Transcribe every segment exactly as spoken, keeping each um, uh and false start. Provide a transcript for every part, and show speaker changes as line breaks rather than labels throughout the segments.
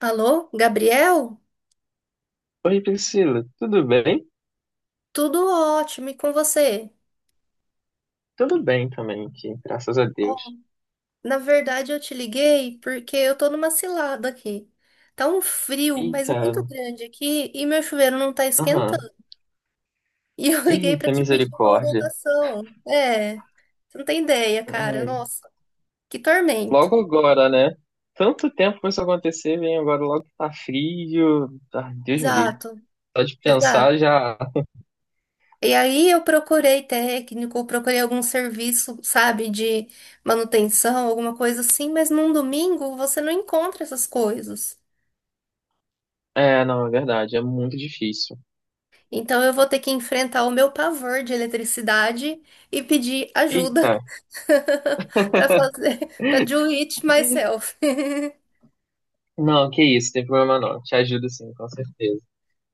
Alô, Gabriel?
Oi, Priscila, tudo bem?
Tudo ótimo, e com você?
Tudo bem também aqui, graças a
Ó,
Deus.
na verdade, eu te liguei porque eu tô numa cilada aqui. Tá um frio, mas
Eita,
muito grande aqui, e meu chuveiro não tá esquentando.
aham,
E eu liguei pra
eita,
te pedir uma
misericórdia.
orientação. É, você não tem ideia, cara.
Ai,
Nossa, que tormento.
logo agora, né? Tanto tempo pra isso acontecer, vem agora logo que tá frio. Ai, Deus me livre.
Exato,
Só de
exato.
pensar já.
E aí eu procurei técnico, procurei algum serviço, sabe, de manutenção, alguma coisa assim, mas num domingo você não encontra essas coisas.
É, não, é verdade, é muito difícil.
Então eu vou ter que enfrentar o meu pavor de eletricidade e pedir ajuda
Eita,
para fazer, para do it myself.
não, que isso, tem problema não. Te ajudo sim, com certeza.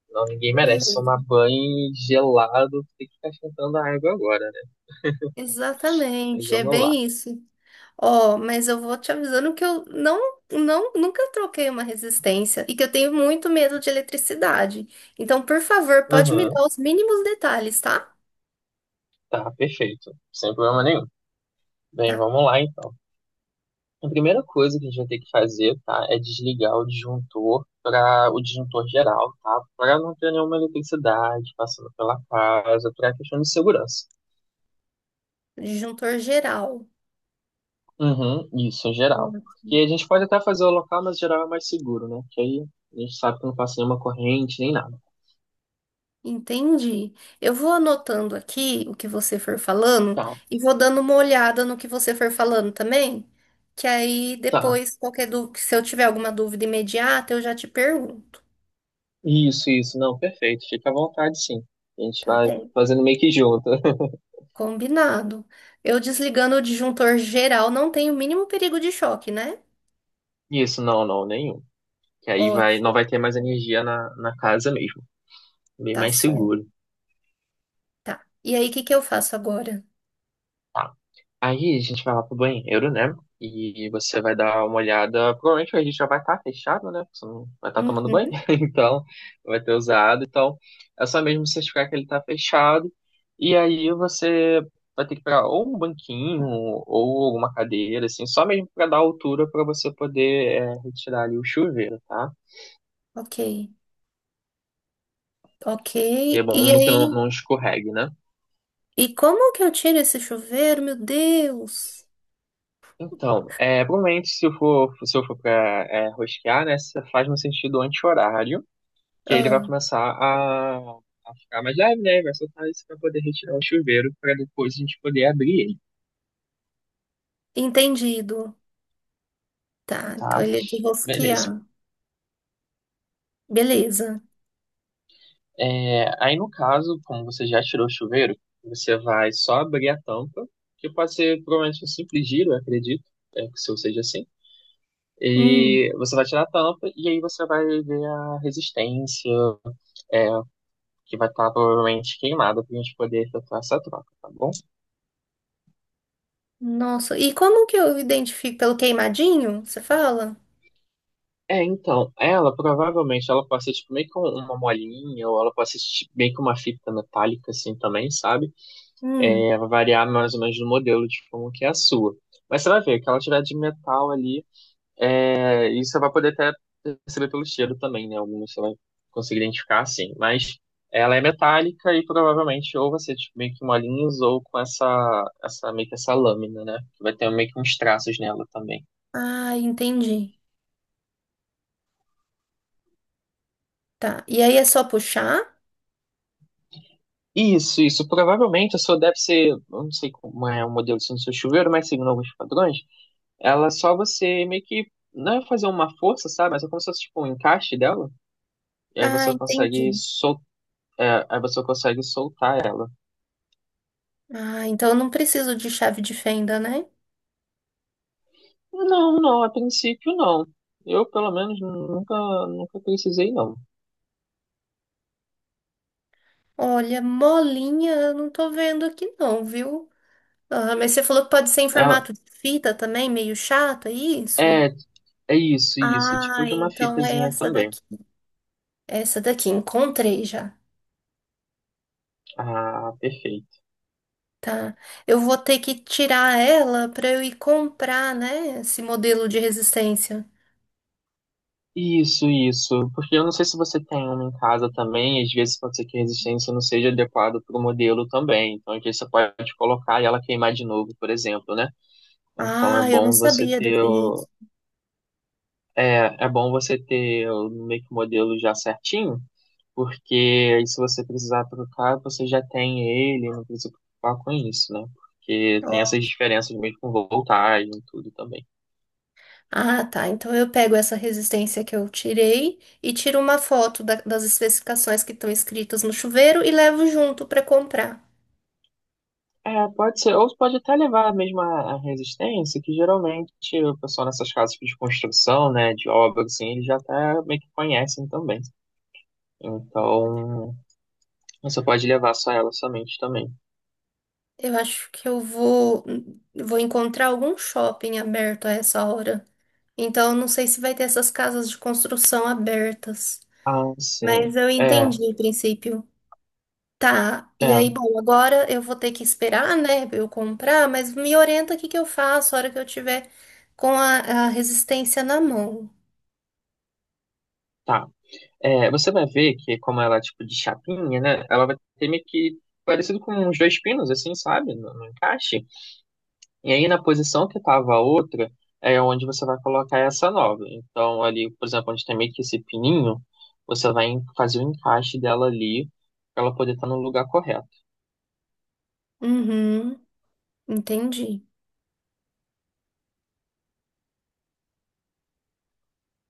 Não, ninguém merece tomar
Beleza.
banho gelado, tem que ficar esquentando a água agora, né? Mas
Exatamente, é
vamos lá.
bem isso. Ó, mas eu vou te avisando que eu não, não, nunca troquei uma resistência e que eu tenho muito medo de eletricidade. Então, por favor, pode me
Aham.
dar os mínimos detalhes, tá?
Tá, perfeito. Sem problema nenhum. Bem,
Tá.
vamos lá então. A primeira coisa que a gente vai ter que fazer, tá, é desligar o disjuntor para o disjuntor geral, tá? Para não ter nenhuma eletricidade passando pela casa, para questão de segurança.
Disjuntor geral.
Uhum, isso, em geral. Porque
Ótimo.
a gente pode até fazer o local, mas geral é mais seguro, né? Que aí a gente sabe que não passa nenhuma corrente nem nada.
Entendi. Eu vou anotando aqui o que você for falando
Tá,
e vou dando uma olhada no que você for falando também, que aí
tá.
depois, qualquer dú- se eu tiver alguma dúvida imediata, eu já te pergunto,
Isso, isso, não, perfeito. Fica à vontade, sim. A gente
tá
vai
bem?
fazendo meio que junto.
Combinado. Eu desligando o disjuntor geral, não tem o mínimo perigo de choque, né?
Isso, não, não, nenhum. Que aí vai, não
Ótimo,
vai ter mais energia na, na casa mesmo. Bem
tá
mais
certo.
seguro.
Tá. E aí, o que que eu faço agora?
Tá. Aí a gente vai lá pro banheiro, né? E você vai dar uma olhada. Provavelmente a gente já vai estar fechado, né? Porque você não vai estar tomando banho,
Uhum,
então vai ter usado. Então é só mesmo certificar que ele está fechado. E aí você vai ter que pegar ou um banquinho ou alguma cadeira, assim, só mesmo para dar altura para você poder é, retirar ali o chuveiro, tá?
ok, ok.
É
E
bom que não,
aí?
não escorregue, né?
E como que eu tiro esse chuveiro? Meu Deus!
Então, é, provavelmente se eu for, se eu for pra é, rosquear, né, você faz no sentido anti-horário, que aí ele vai
Ah.
começar a, a ficar mais leve, né, vai soltar isso pra poder retirar o chuveiro para depois a gente poder abrir ele,
Entendido. Tá, então
tá?
ele é de
Beleza.
rosquear. Beleza.
É, aí no caso, como você já tirou o chuveiro, você vai só abrir a tampa, que pode ser provavelmente um simples giro, eu acredito, é, que se eu seja assim.
Hum,
E você vai tirar a tampa e aí você vai ver a resistência, é, que vai estar provavelmente queimada pra gente poder efetuar essa troca, tá bom?
nossa, e como que eu identifico pelo queimadinho? Você fala?
É, então, ela provavelmente ela pode ser tipo meio com uma molinha, ou ela pode ser tipo, meio com uma fita metálica assim também, sabe?
Hum,
É, vai variar mais ou menos do modelo de como que é a sua. Mas você vai ver que ela tiver de metal ali, é, e você vai poder até perceber pelo cheiro também, né? Alguns você vai conseguir identificar, assim. Mas ela é metálica e provavelmente ou vai ser tipo, meio que uma ou com essa, essa, meio que essa lâmina, né? Que vai ter meio que uns traços nela também.
ah, entendi. Tá, e aí é só puxar?
Isso, isso. Provavelmente a sua deve ser, eu não sei como é o modelo assim, do seu chuveiro, mas seguindo alguns padrões, ela é só você meio que, não é fazer uma força, sabe? Mas é como se fosse tipo um encaixe dela, e aí
Ah,
você consegue
entendi.
sol... é, aí você consegue soltar ela.
Ah, então eu não preciso de chave de fenda, né?
Não, não, a princípio não. Eu, pelo menos, nunca, nunca precisei, não.
Olha, molinha, eu não tô vendo aqui não, viu? Ah, mas você falou que pode ser em
Ela-
formato de fita também, meio chato, é isso?
É, é, isso, isso. É tipo
Ah,
de uma
então é
fitazinha
essa
também.
daqui. Essa daqui, encontrei já.
Ah, perfeito.
Tá. Eu vou ter que tirar ela para eu ir comprar, né, esse modelo de resistência.
Isso, isso. Porque eu não sei se você tem uma em casa também. Às vezes pode ser que a resistência não seja adequada para o modelo também. Então, às vezes você pode colocar e ela queimar de novo, por exemplo, né? Então, é
Ah, eu não
bom você
sabia
ter...
desse
o-
risco.
é, é bom você ter o- meio que o modelo já certinho. Porque aí se você precisar trocar, você já tem ele, não precisa preocupar com isso, né? Porque tem essas diferenças mesmo com voltagem e tudo também.
Ah, tá. Então eu pego essa resistência que eu tirei e tiro uma foto da- das especificações que estão escritas no chuveiro e levo junto para comprar.
É, pode ser, ou pode até levar mesmo a, a resistência, que geralmente o pessoal nessas casas de construção, né, de obra, assim, eles já até meio que conhecem também.
Ótimo.
Então, você pode levar só ela somente também.
Eu acho que eu vou vou encontrar algum shopping aberto a essa hora. Então eu não sei se vai ter essas casas de construção abertas,
Ah, sim.
mas eu
É,
entendi o princípio. Tá,
é,
e aí, bom, agora eu vou ter que esperar, né, eu comprar, mas me orienta o que que eu faço a hora que eu tiver com a, a resistência na mão.
tá. É, você vai ver que como ela é tipo de chapinha, né? Ela vai ter meio que parecido com uns dois pinos, assim, sabe? No, no encaixe. E aí na posição que tava a outra, é onde você vai colocar essa nova. Então ali, por exemplo, onde tem meio que esse pininho, você vai en- fazer o encaixe dela ali pra ela poder estar no lugar correto.
Uhum, entendi.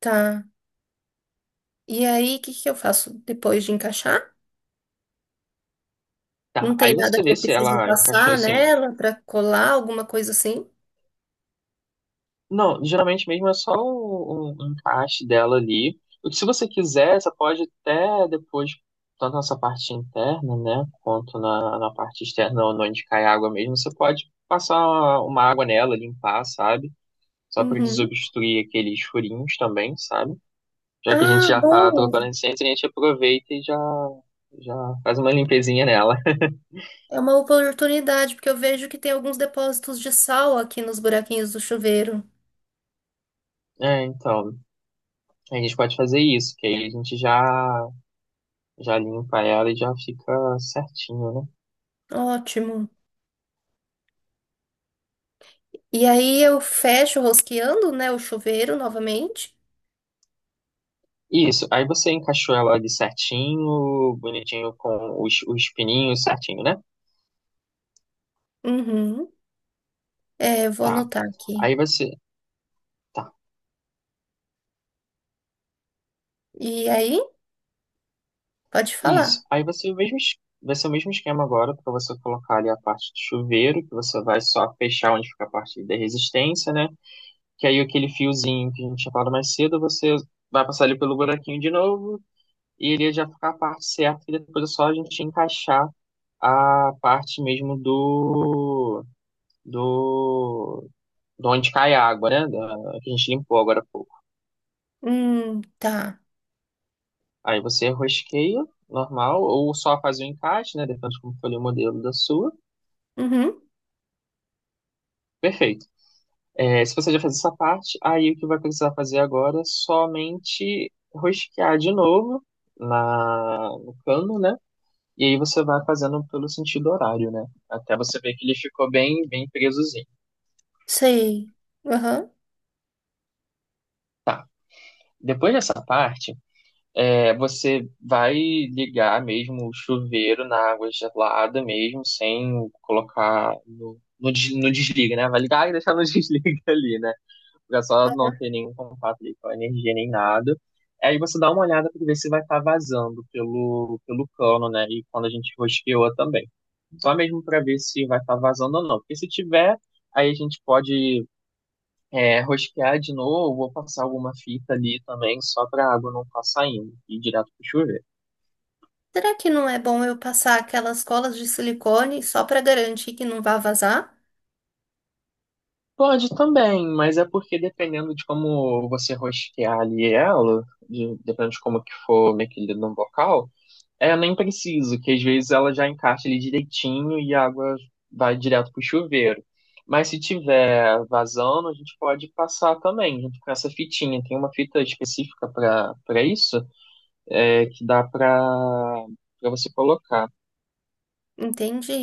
Tá. E aí, o que que eu faço depois de encaixar?
Tá,
Não tem
aí
nada
você
que
vê
eu
se
preciso
ela encaixou
passar
assim,
nela para colar, alguma coisa assim?
não, geralmente mesmo é só o, o encaixe dela ali. O que se você quiser, você pode até depois, tanto nessa parte interna, né, quanto na, na parte externa, onde onde cai água mesmo, você pode passar uma, uma água nela, limpar, sabe? Só para
Uhum.
desobstruir aqueles furinhos também, sabe? Já que a gente
Ah,
já tá
boa!
trocando essência, a gente aproveita e já, já faz uma limpezinha nela.
É uma oportunidade, porque eu vejo que tem alguns depósitos de sal aqui nos buraquinhos do chuveiro.
É, então, a gente pode fazer isso, que aí a gente já, já limpa ela e já fica certinho, né?
Ótimo. E aí eu fecho rosqueando, né, o chuveiro novamente.
Isso, aí você encaixou ela ali certinho, bonitinho com os, os pininhos certinho, né?
Uhum. É, eu vou
Tá.
anotar aqui.
Aí você. Tá,
E aí, pode
isso.
falar.
Aí você o mesmo, es- Vai ser o mesmo esquema agora para você colocar ali a parte do chuveiro, que você vai só fechar onde fica a parte da resistência, né? Que aí aquele fiozinho que a gente tinha falado mais cedo, você vai passar ali pelo buraquinho de novo e ele já ficar a parte certa, e depois é só a gente encaixar a parte mesmo do. Do, de onde cai a água, né? Da, que a gente limpou agora há pouco.
Hum, tá.
Aí você rosqueia, normal, ou só faz o encaixe, né? Depende de como foi o modelo da sua.
Uhum.
Perfeito. É, se você já fez essa parte, aí o que vai precisar fazer agora é somente rosquear de novo na, no cano, né? E aí você vai fazendo pelo sentido horário, né? Até você ver que ele ficou bem, bem presozinho.
Sei. Aham.
Depois dessa parte, é, você vai ligar mesmo o chuveiro na água gelada mesmo, sem colocar no, no, des- no desliga, né? Vai ligar e deixar no desliga ali, né? Pra só não ter nenhum contato ali com a energia nem nada. Aí você dá uma olhada para ver se vai estar vazando pelo, pelo cano, né? E quando a gente rosqueou também. Só mesmo para ver se vai estar vazando ou não. Porque se tiver, aí a gente pode é, rosquear de novo, vou passar alguma fita ali também, só para a água não ficar saindo e ir direto pro chuveiro.
Será que não é bom eu passar aquelas colas de silicone só para garantir que não vá vazar?
Pode também, mas é porque dependendo de como você rosquear ali ela, de- dependendo de como que for mexida no bocal, é nem preciso, que às vezes ela já encaixa ali direitinho e a água vai direto pro chuveiro. Mas se tiver vazando, a gente pode passar também, junto com essa fitinha. Tem uma fita específica para para isso, é, que dá para para você colocar.
Entendi.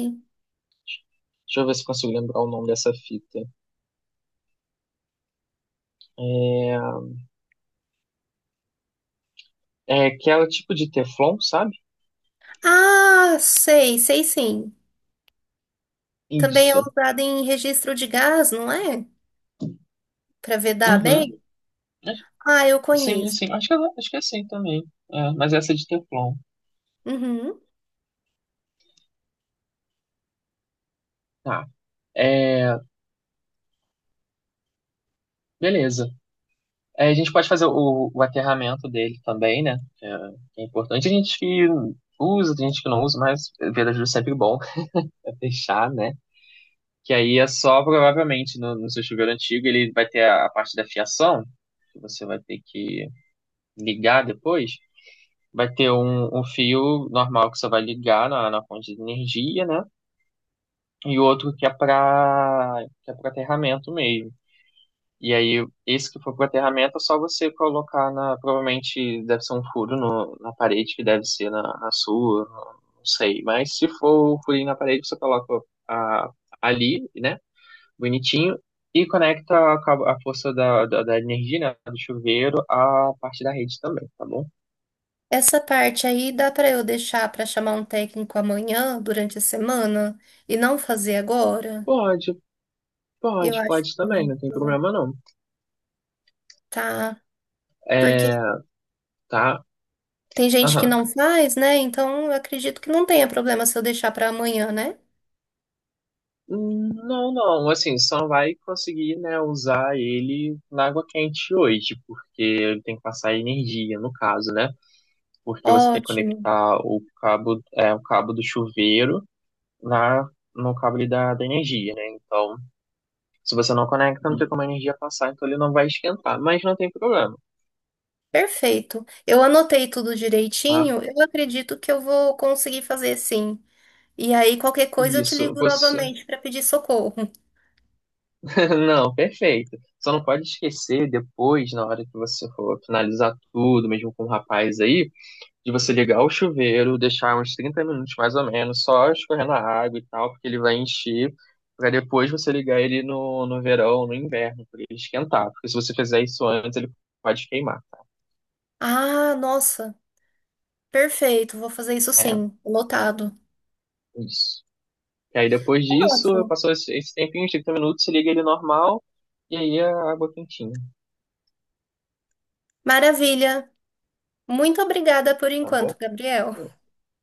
Deixa eu ver se consigo lembrar o nome dessa fita. É, é aquela tipo de Teflon, sabe?
Ah, sei, sei sim. Também é
Isso.
usado em registro de gás, não é? Para vedar
Uhum.
bem?
Acho-
Ah, eu
Sim,
conheço.
sim. Acho que, ela- acho que é assim também. É, mas essa é de Teflon.
Uhum.
Tá. É, beleza. É, a gente pode fazer o, o aterramento dele também, né? Que é, que é importante. A gente que usa, tem gente que não usa, mas ver ajuda é sempre bom é fechar, né? Que aí é só, provavelmente, no, no seu chuveiro antigo, ele vai ter a, a parte da fiação, que você vai ter que ligar depois. Vai ter um, um fio normal que você vai ligar na, na fonte de energia, né? E outro que é para que é para aterramento mesmo. E aí, esse que for para aterramento é só você colocar na. Provavelmente deve ser um furo no, na parede, que deve ser na, na sua, não sei. Mas se for o furinho na parede, você coloca a, ali, né? Bonitinho. E conecta a, cabo- a força da, da, da energia, né, do chuveiro, à parte da rede também, tá bom?
Essa parte aí dá para eu deixar para chamar um técnico amanhã, durante a semana, e não fazer agora?
Pode,
Eu
pode,
acho que
pode
eu
também,
vou
não tem
fazer.
problema não.
Tá. Porque
É, tá?
tem gente que
Aham.
não faz, né? Então eu acredito que não tenha problema se eu deixar para amanhã, né?
Hum, Não, não, assim, só vai conseguir, né, usar ele na água quente hoje, porque ele tem que passar energia, no caso, né? Porque você tem que
Ótimo.
conectar o cabo, é, o cabo do chuveiro na, no cabo ali da, da energia, né? Então, se você não conecta, não tem como a energia passar, então ele não vai esquentar, mas não tem problema,
Perfeito. Eu anotei tudo
tá?
direitinho. Eu acredito que eu vou conseguir fazer sim. E aí, qualquer coisa, eu te
Isso,
ligo
você...
novamente para pedir socorro.
Não, perfeito. Só não pode esquecer depois, na hora que você for finalizar tudo, mesmo com o rapaz aí, de você ligar o chuveiro, deixar uns trinta minutos mais ou menos, só escorrendo a água e tal, porque ele vai encher, para depois você ligar ele no, no verão, no inverno, para ele esquentar. Porque se você fizer isso antes, ele pode queimar, tá?
Ah, nossa. Perfeito. Vou fazer isso
É,
sim. Anotado.
isso. E aí depois disso,
Ótimo.
passou esse, esse tempinho, uns trinta minutos, você liga ele normal, e aí a água quentinha,
Maravilha. Muito obrigada por
tá
enquanto,
bom?
Gabriel.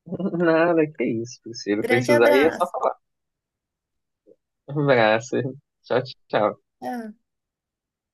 Nada, que isso, Priscila.
Grande
Precisar aí é só
abraço.
falar. Um abraço. Tchau, tchau.
Tchau.